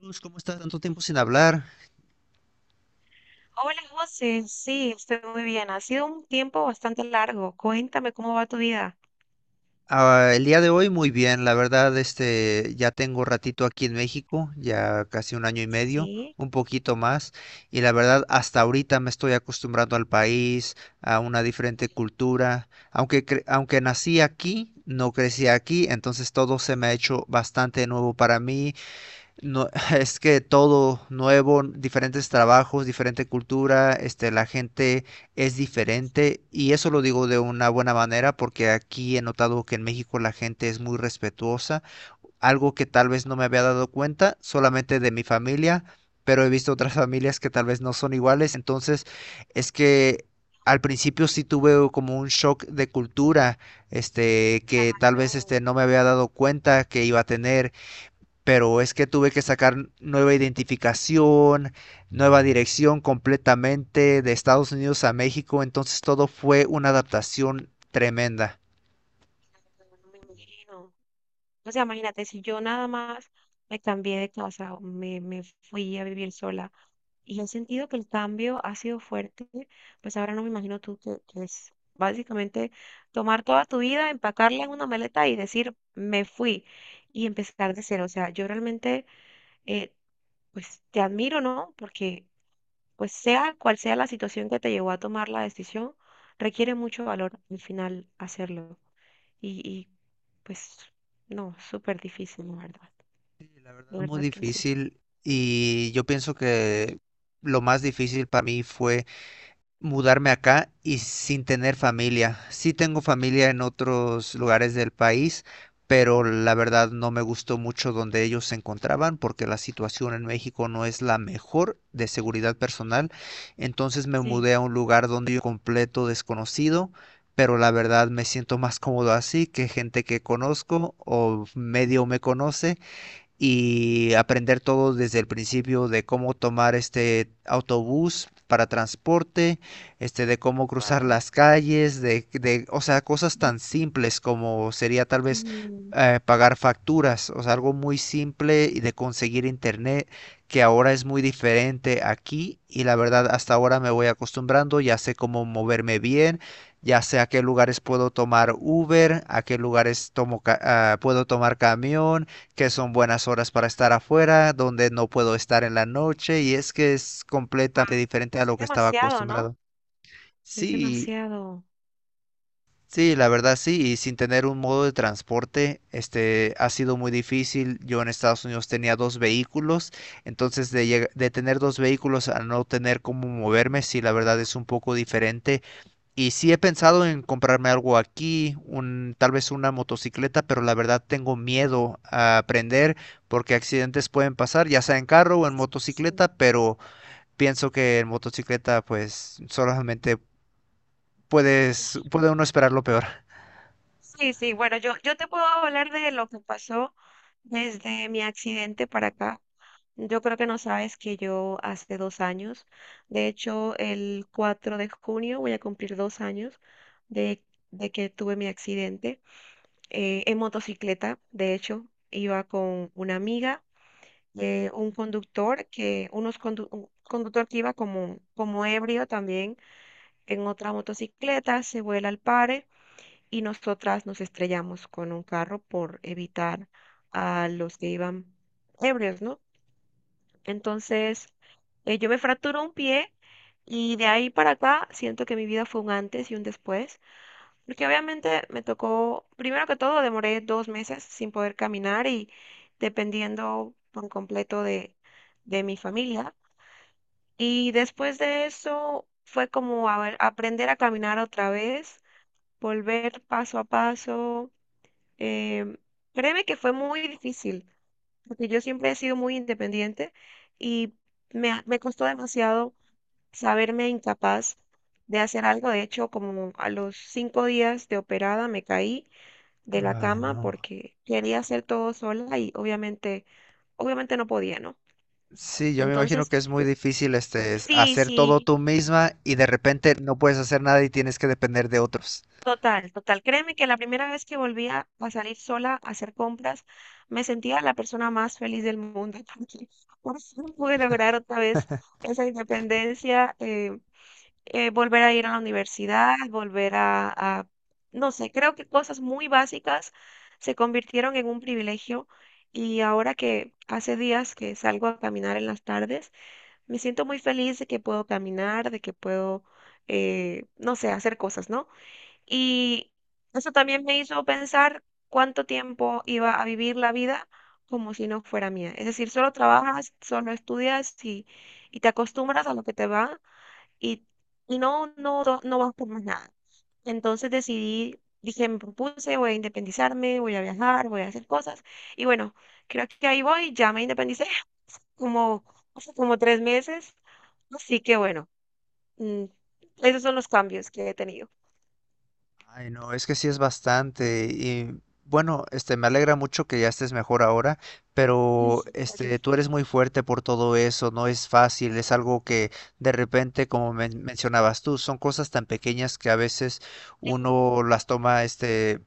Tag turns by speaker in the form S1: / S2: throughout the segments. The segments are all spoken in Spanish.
S1: Luz, ¿cómo estás? Tanto tiempo sin hablar.
S2: Hola José, sí, estoy muy bien. Ha sido un tiempo bastante largo. Cuéntame cómo va tu vida.
S1: Ah, el día de hoy muy bien, la verdad, ya tengo ratito aquí en México, ya casi un año y medio,
S2: Sí,
S1: un poquito más. Y la verdad, hasta ahorita me estoy acostumbrando al país, a una diferente cultura. Aunque, aunque nací aquí, no crecí aquí, entonces todo se me ha hecho bastante nuevo para mí. No, es que todo nuevo, diferentes trabajos, diferente cultura, la gente es diferente, y eso lo digo de una buena manera porque aquí he notado que en México la gente es muy respetuosa, algo que tal vez no me había dado cuenta solamente de mi familia, pero he visto otras familias que tal vez no son iguales. Entonces es que al principio sí tuve como un shock de cultura, que tal vez
S2: claro,
S1: no me había dado cuenta que iba a tener. Pero es que tuve que sacar nueva identificación, nueva dirección completamente de Estados Unidos a México, entonces todo fue una adaptación tremenda.
S2: claro, no me imagino. O sea, imagínate, si yo nada más me cambié de casa, o me fui a vivir sola y he sentido que el cambio ha sido fuerte, pues ahora no me imagino tú que es básicamente tomar toda tu vida, empacarla en una maleta y decir, me fui y empezar de cero. O sea, yo realmente, eh, pues te admiro, ¿no? Porque pues sea cual sea la situación que te llevó a tomar la decisión, requiere mucho valor al final hacerlo. Y pues no, súper difícil, la verdad.
S1: Sí, la verdad
S2: De
S1: es muy
S2: verdad que sí.
S1: difícil y yo pienso que lo más difícil para mí fue mudarme acá y sin tener familia. Sí tengo familia en otros lugares del país, pero la verdad no me gustó mucho donde ellos se encontraban porque la situación en México no es la mejor de seguridad personal. Entonces me
S2: Sí.
S1: mudé a un lugar donde yo completo desconocido. Pero la verdad me siento más cómodo así que gente que conozco o medio me conoce, y aprender todo desde el principio de cómo tomar este autobús para transporte, de cómo cruzar
S2: Wow.
S1: las calles, o sea, cosas tan simples como sería tal vez
S2: Sí.
S1: pagar facturas, o sea, algo muy simple, y de conseguir internet, que ahora es muy diferente aquí, y la verdad hasta ahora me voy acostumbrando, ya sé cómo moverme bien, ya sé a qué lugares puedo tomar Uber, a qué lugares tomo puedo tomar camión, que son buenas horas para estar afuera, donde no puedo estar en la noche, y es que es completamente
S2: Wow.
S1: diferente a
S2: Es
S1: lo que estaba
S2: demasiado, ¿no?
S1: acostumbrado.
S2: Es
S1: Sí,
S2: demasiado.
S1: sí, la verdad sí, y sin tener un modo de transporte, ha sido muy difícil. Yo en Estados Unidos tenía dos vehículos, entonces de tener dos vehículos a no tener cómo moverme, sí, la verdad es un poco diferente. Y sí he pensado en comprarme algo aquí, un, tal vez una motocicleta, pero la verdad tengo miedo a aprender porque accidentes pueden pasar, ya sea en carro o en
S2: Sí, sí.
S1: motocicleta. Pero pienso que en motocicleta pues solamente puede uno esperar lo peor.
S2: Sí, sí, bueno, yo te puedo hablar de lo que pasó desde mi accidente para acá. Yo creo que no sabes que yo hace 2 años, de hecho el 4 de junio voy a cumplir 2 años de, de que tuve mi accidente, en motocicleta. De hecho iba con una amiga, un conductor que iba como ebrio también en otra motocicleta, se vuela al pare y nosotras nos estrellamos con un carro por evitar a los que iban ebrios, ¿no? Entonces, yo me fracturé un pie y de ahí para acá siento que mi vida fue un antes y un después, porque obviamente me tocó, primero que todo, demoré 2 meses sin poder caminar y dependiendo por completo de mi familia. Y después de eso fue como aprender a caminar otra vez, volver paso a paso. em, Créeme que fue muy difícil porque yo siempre he sido muy independiente y me costó demasiado saberme incapaz de hacer algo. De hecho, como a los 5 días de operada me caí de la
S1: Ay,
S2: cama
S1: no.
S2: porque quería hacer todo sola y obviamente no podía, ¿no?
S1: Sí, yo me imagino
S2: Entonces,
S1: que es muy difícil este es
S2: sí,
S1: hacer todo
S2: sí,
S1: tú misma, y de repente no puedes hacer nada y tienes que depender de otros.
S2: total, total. Créeme que la primera vez que volví a salir sola a hacer compras, me sentía la persona más feliz del mundo porque por fin pude lograr otra vez esa independencia. Volver a ir a la universidad, no sé, creo que cosas muy básicas se convirtieron en un privilegio y ahora que hace días que salgo a caminar en las tardes, me siento muy feliz de que puedo caminar, de que puedo, no sé, hacer cosas, ¿no? Y eso también me hizo pensar cuánto tiempo iba a vivir la vida, como si no fuera mía. Es decir, solo trabajas, solo estudias y te acostumbras a lo que te va y, y no, no, no, no vas por más nada. Entonces decidí, dije, me propuse, voy a independizarme, voy a viajar, voy a hacer cosas. Y bueno, creo que ahí voy, ya me independicé como, hace como 3 meses. Así que bueno, mm, esos son los cambios que he tenido.
S1: Ay, no, es que sí es bastante. Y bueno, me alegra mucho que ya estés mejor ahora,
S2: Sí,
S1: pero
S2: sí, gracias.
S1: tú eres muy fuerte por todo eso, no es fácil, es algo que de repente, como mencionabas tú, son cosas tan pequeñas que a veces uno las toma,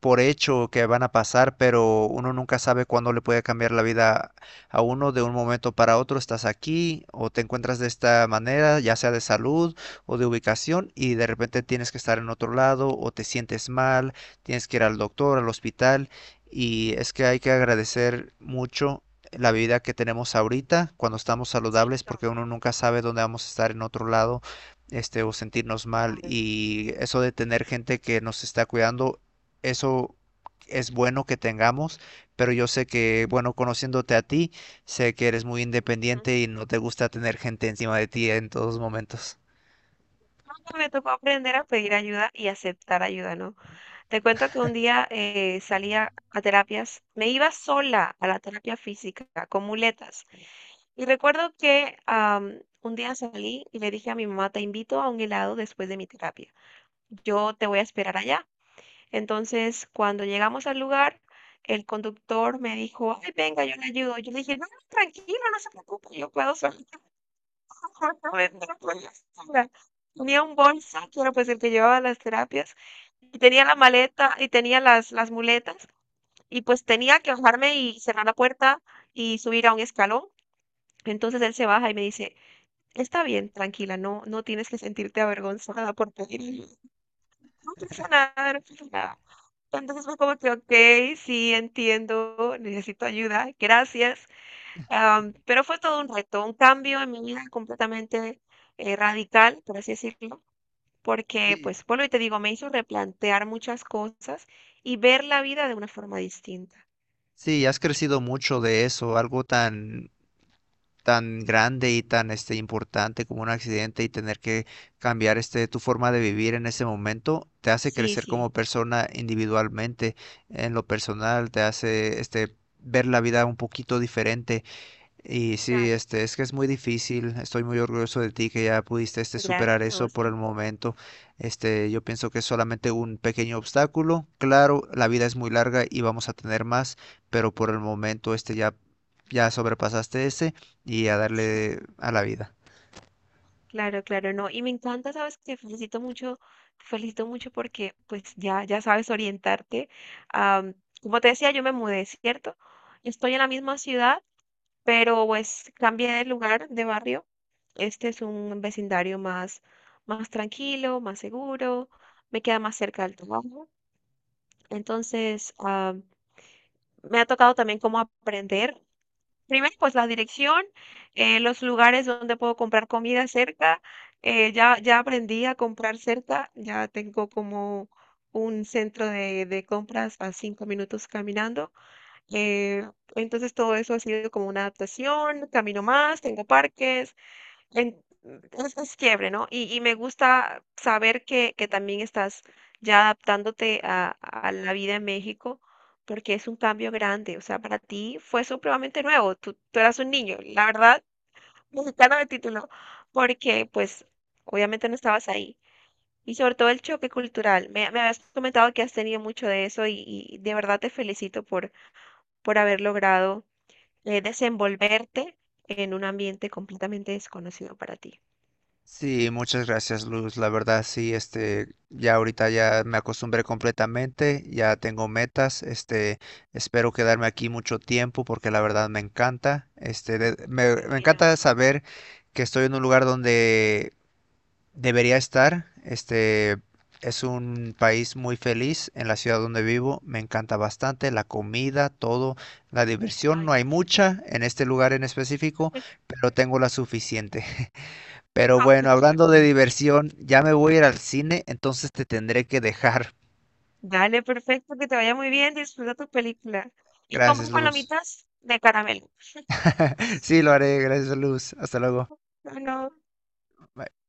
S1: por hecho que van a pasar, pero uno nunca sabe cuándo le puede cambiar la vida a uno de un momento para otro. Estás aquí o te encuentras de esta manera, ya sea de salud o de ubicación, y de repente tienes que estar en otro lado o te sientes mal, tienes que ir al doctor, al hospital, y es que hay que agradecer mucho la vida que tenemos ahorita cuando estamos saludables,
S2: Claro,
S1: porque uno nunca sabe dónde vamos a estar en otro lado, o sentirnos mal,
S2: claro.
S1: y eso de tener gente que nos está cuidando, eso es bueno que tengamos. Pero yo sé que, bueno, conociéndote a ti, sé que eres muy
S2: Ujú.
S1: independiente y no te gusta tener gente encima de ti en todos momentos.
S2: Me tocó aprender a pedir ayuda y aceptar ayuda, ¿no? Te cuento que un día, salía a terapias, me iba sola a la terapia física con muletas. Y recuerdo que, un día salí y le dije a mi mamá, te invito a un helado después de mi terapia. Yo te voy a esperar allá. Entonces, cuando llegamos al lugar, el conductor me dijo, ay, venga, yo le ayudo. Yo le dije, no, no, tranquilo, no se preocupe, yo puedo sola. No voy sola. Tenía un bolso, que era pues el que llevaba las terapias, y tenía la maleta, y tenía las muletas, y pues tenía que bajarme y cerrar la puerta y subir a un escalón. Entonces él se baja y me dice, está bien, tranquila, no, no tienes que sentirte avergonzada por pedir ayuda. No pasa nada, no pasa nada. Entonces fue como que, ok, sí, entiendo, necesito ayuda, gracias. Pero fue todo un reto, un cambio en mi vida completamente, radical, por así decirlo, porque,
S1: Sí,
S2: pues, bueno y te digo, me hizo replantear muchas cosas y ver la vida de una forma distinta.
S1: sí, has crecido mucho de eso, algo tan tan grande y tan importante como un accidente, y tener que cambiar tu forma de vivir en ese momento te hace
S2: Sí,
S1: crecer
S2: sí,
S1: como persona individualmente, en lo personal, te hace ver la vida un poquito diferente. Y sí,
S2: claro,
S1: es que es muy difícil. Estoy muy orgulloso de ti que ya pudiste superar
S2: gracias. No,
S1: eso por el momento. Yo pienso que es solamente un pequeño obstáculo. Claro, la vida es muy larga y vamos a tener más, pero por el momento ya, ya sobrepasaste ese, y a
S2: sí.
S1: darle a la vida.
S2: Claro, claro, no. Y me encanta, sabes, te felicito mucho porque pues ya sabes orientarte. Am, Como te decía, yo me mudé, ¿cierto? Yo estoy en la misma ciudad, pero pues cambié de lugar, de barrio. Este es un vecindario más, más tranquilo, más seguro, me queda más cerca del trabajo. Entonces, me ha tocado también como aprender. Primero, pues la dirección, los lugares donde puedo comprar comida cerca. Ya aprendí a comprar cerca, ya tengo como un centro de compras a 5 minutos caminando. eh, entonces todo eso ha sido como una adaptación, camino más, tengo parques, en es quiebre, ¿no? Y me gusta saber que también estás ya adaptándote a la vida en México, porque es un cambio grande, o sea, para ti fue supremamente nuevo, tú eras un niño, la verdad, mexicano de título, porque, pues, obviamente no estabas ahí. Y sobre todo el choque cultural, me habías comentado que has tenido mucho de eso y de verdad te felicito por haber logrado, desenvolverte en un ambiente completamente desconocido para ti.
S1: Sí, muchas gracias, Luz. La verdad, sí, ya ahorita ya me acostumbré completamente, ya tengo metas, espero quedarme aquí mucho tiempo porque la verdad me encanta, este, de- me,
S2: Qué
S1: me
S2: bueno.
S1: encanta saber que estoy en un lugar donde debería estar, es un país muy feliz. En la ciudad donde vivo, me encanta bastante la comida, todo, la diversión,
S2: Ay,
S1: no hay
S2: qué chévere.
S1: mucha en este lugar en específico, pero tengo la suficiente.
S2: No,
S1: Pero bueno, hablando de
S2: no.
S1: diversión, ya me voy a ir al cine, entonces te tendré que dejar.
S2: Dale, perfecto, que te vaya muy bien, disfruta tu película. Y
S1: Gracias,
S2: compra
S1: Luz.
S2: palomitas de caramelo.
S1: Sí, lo haré. Gracias, Luz. Hasta luego.
S2: No, no.
S1: Bye.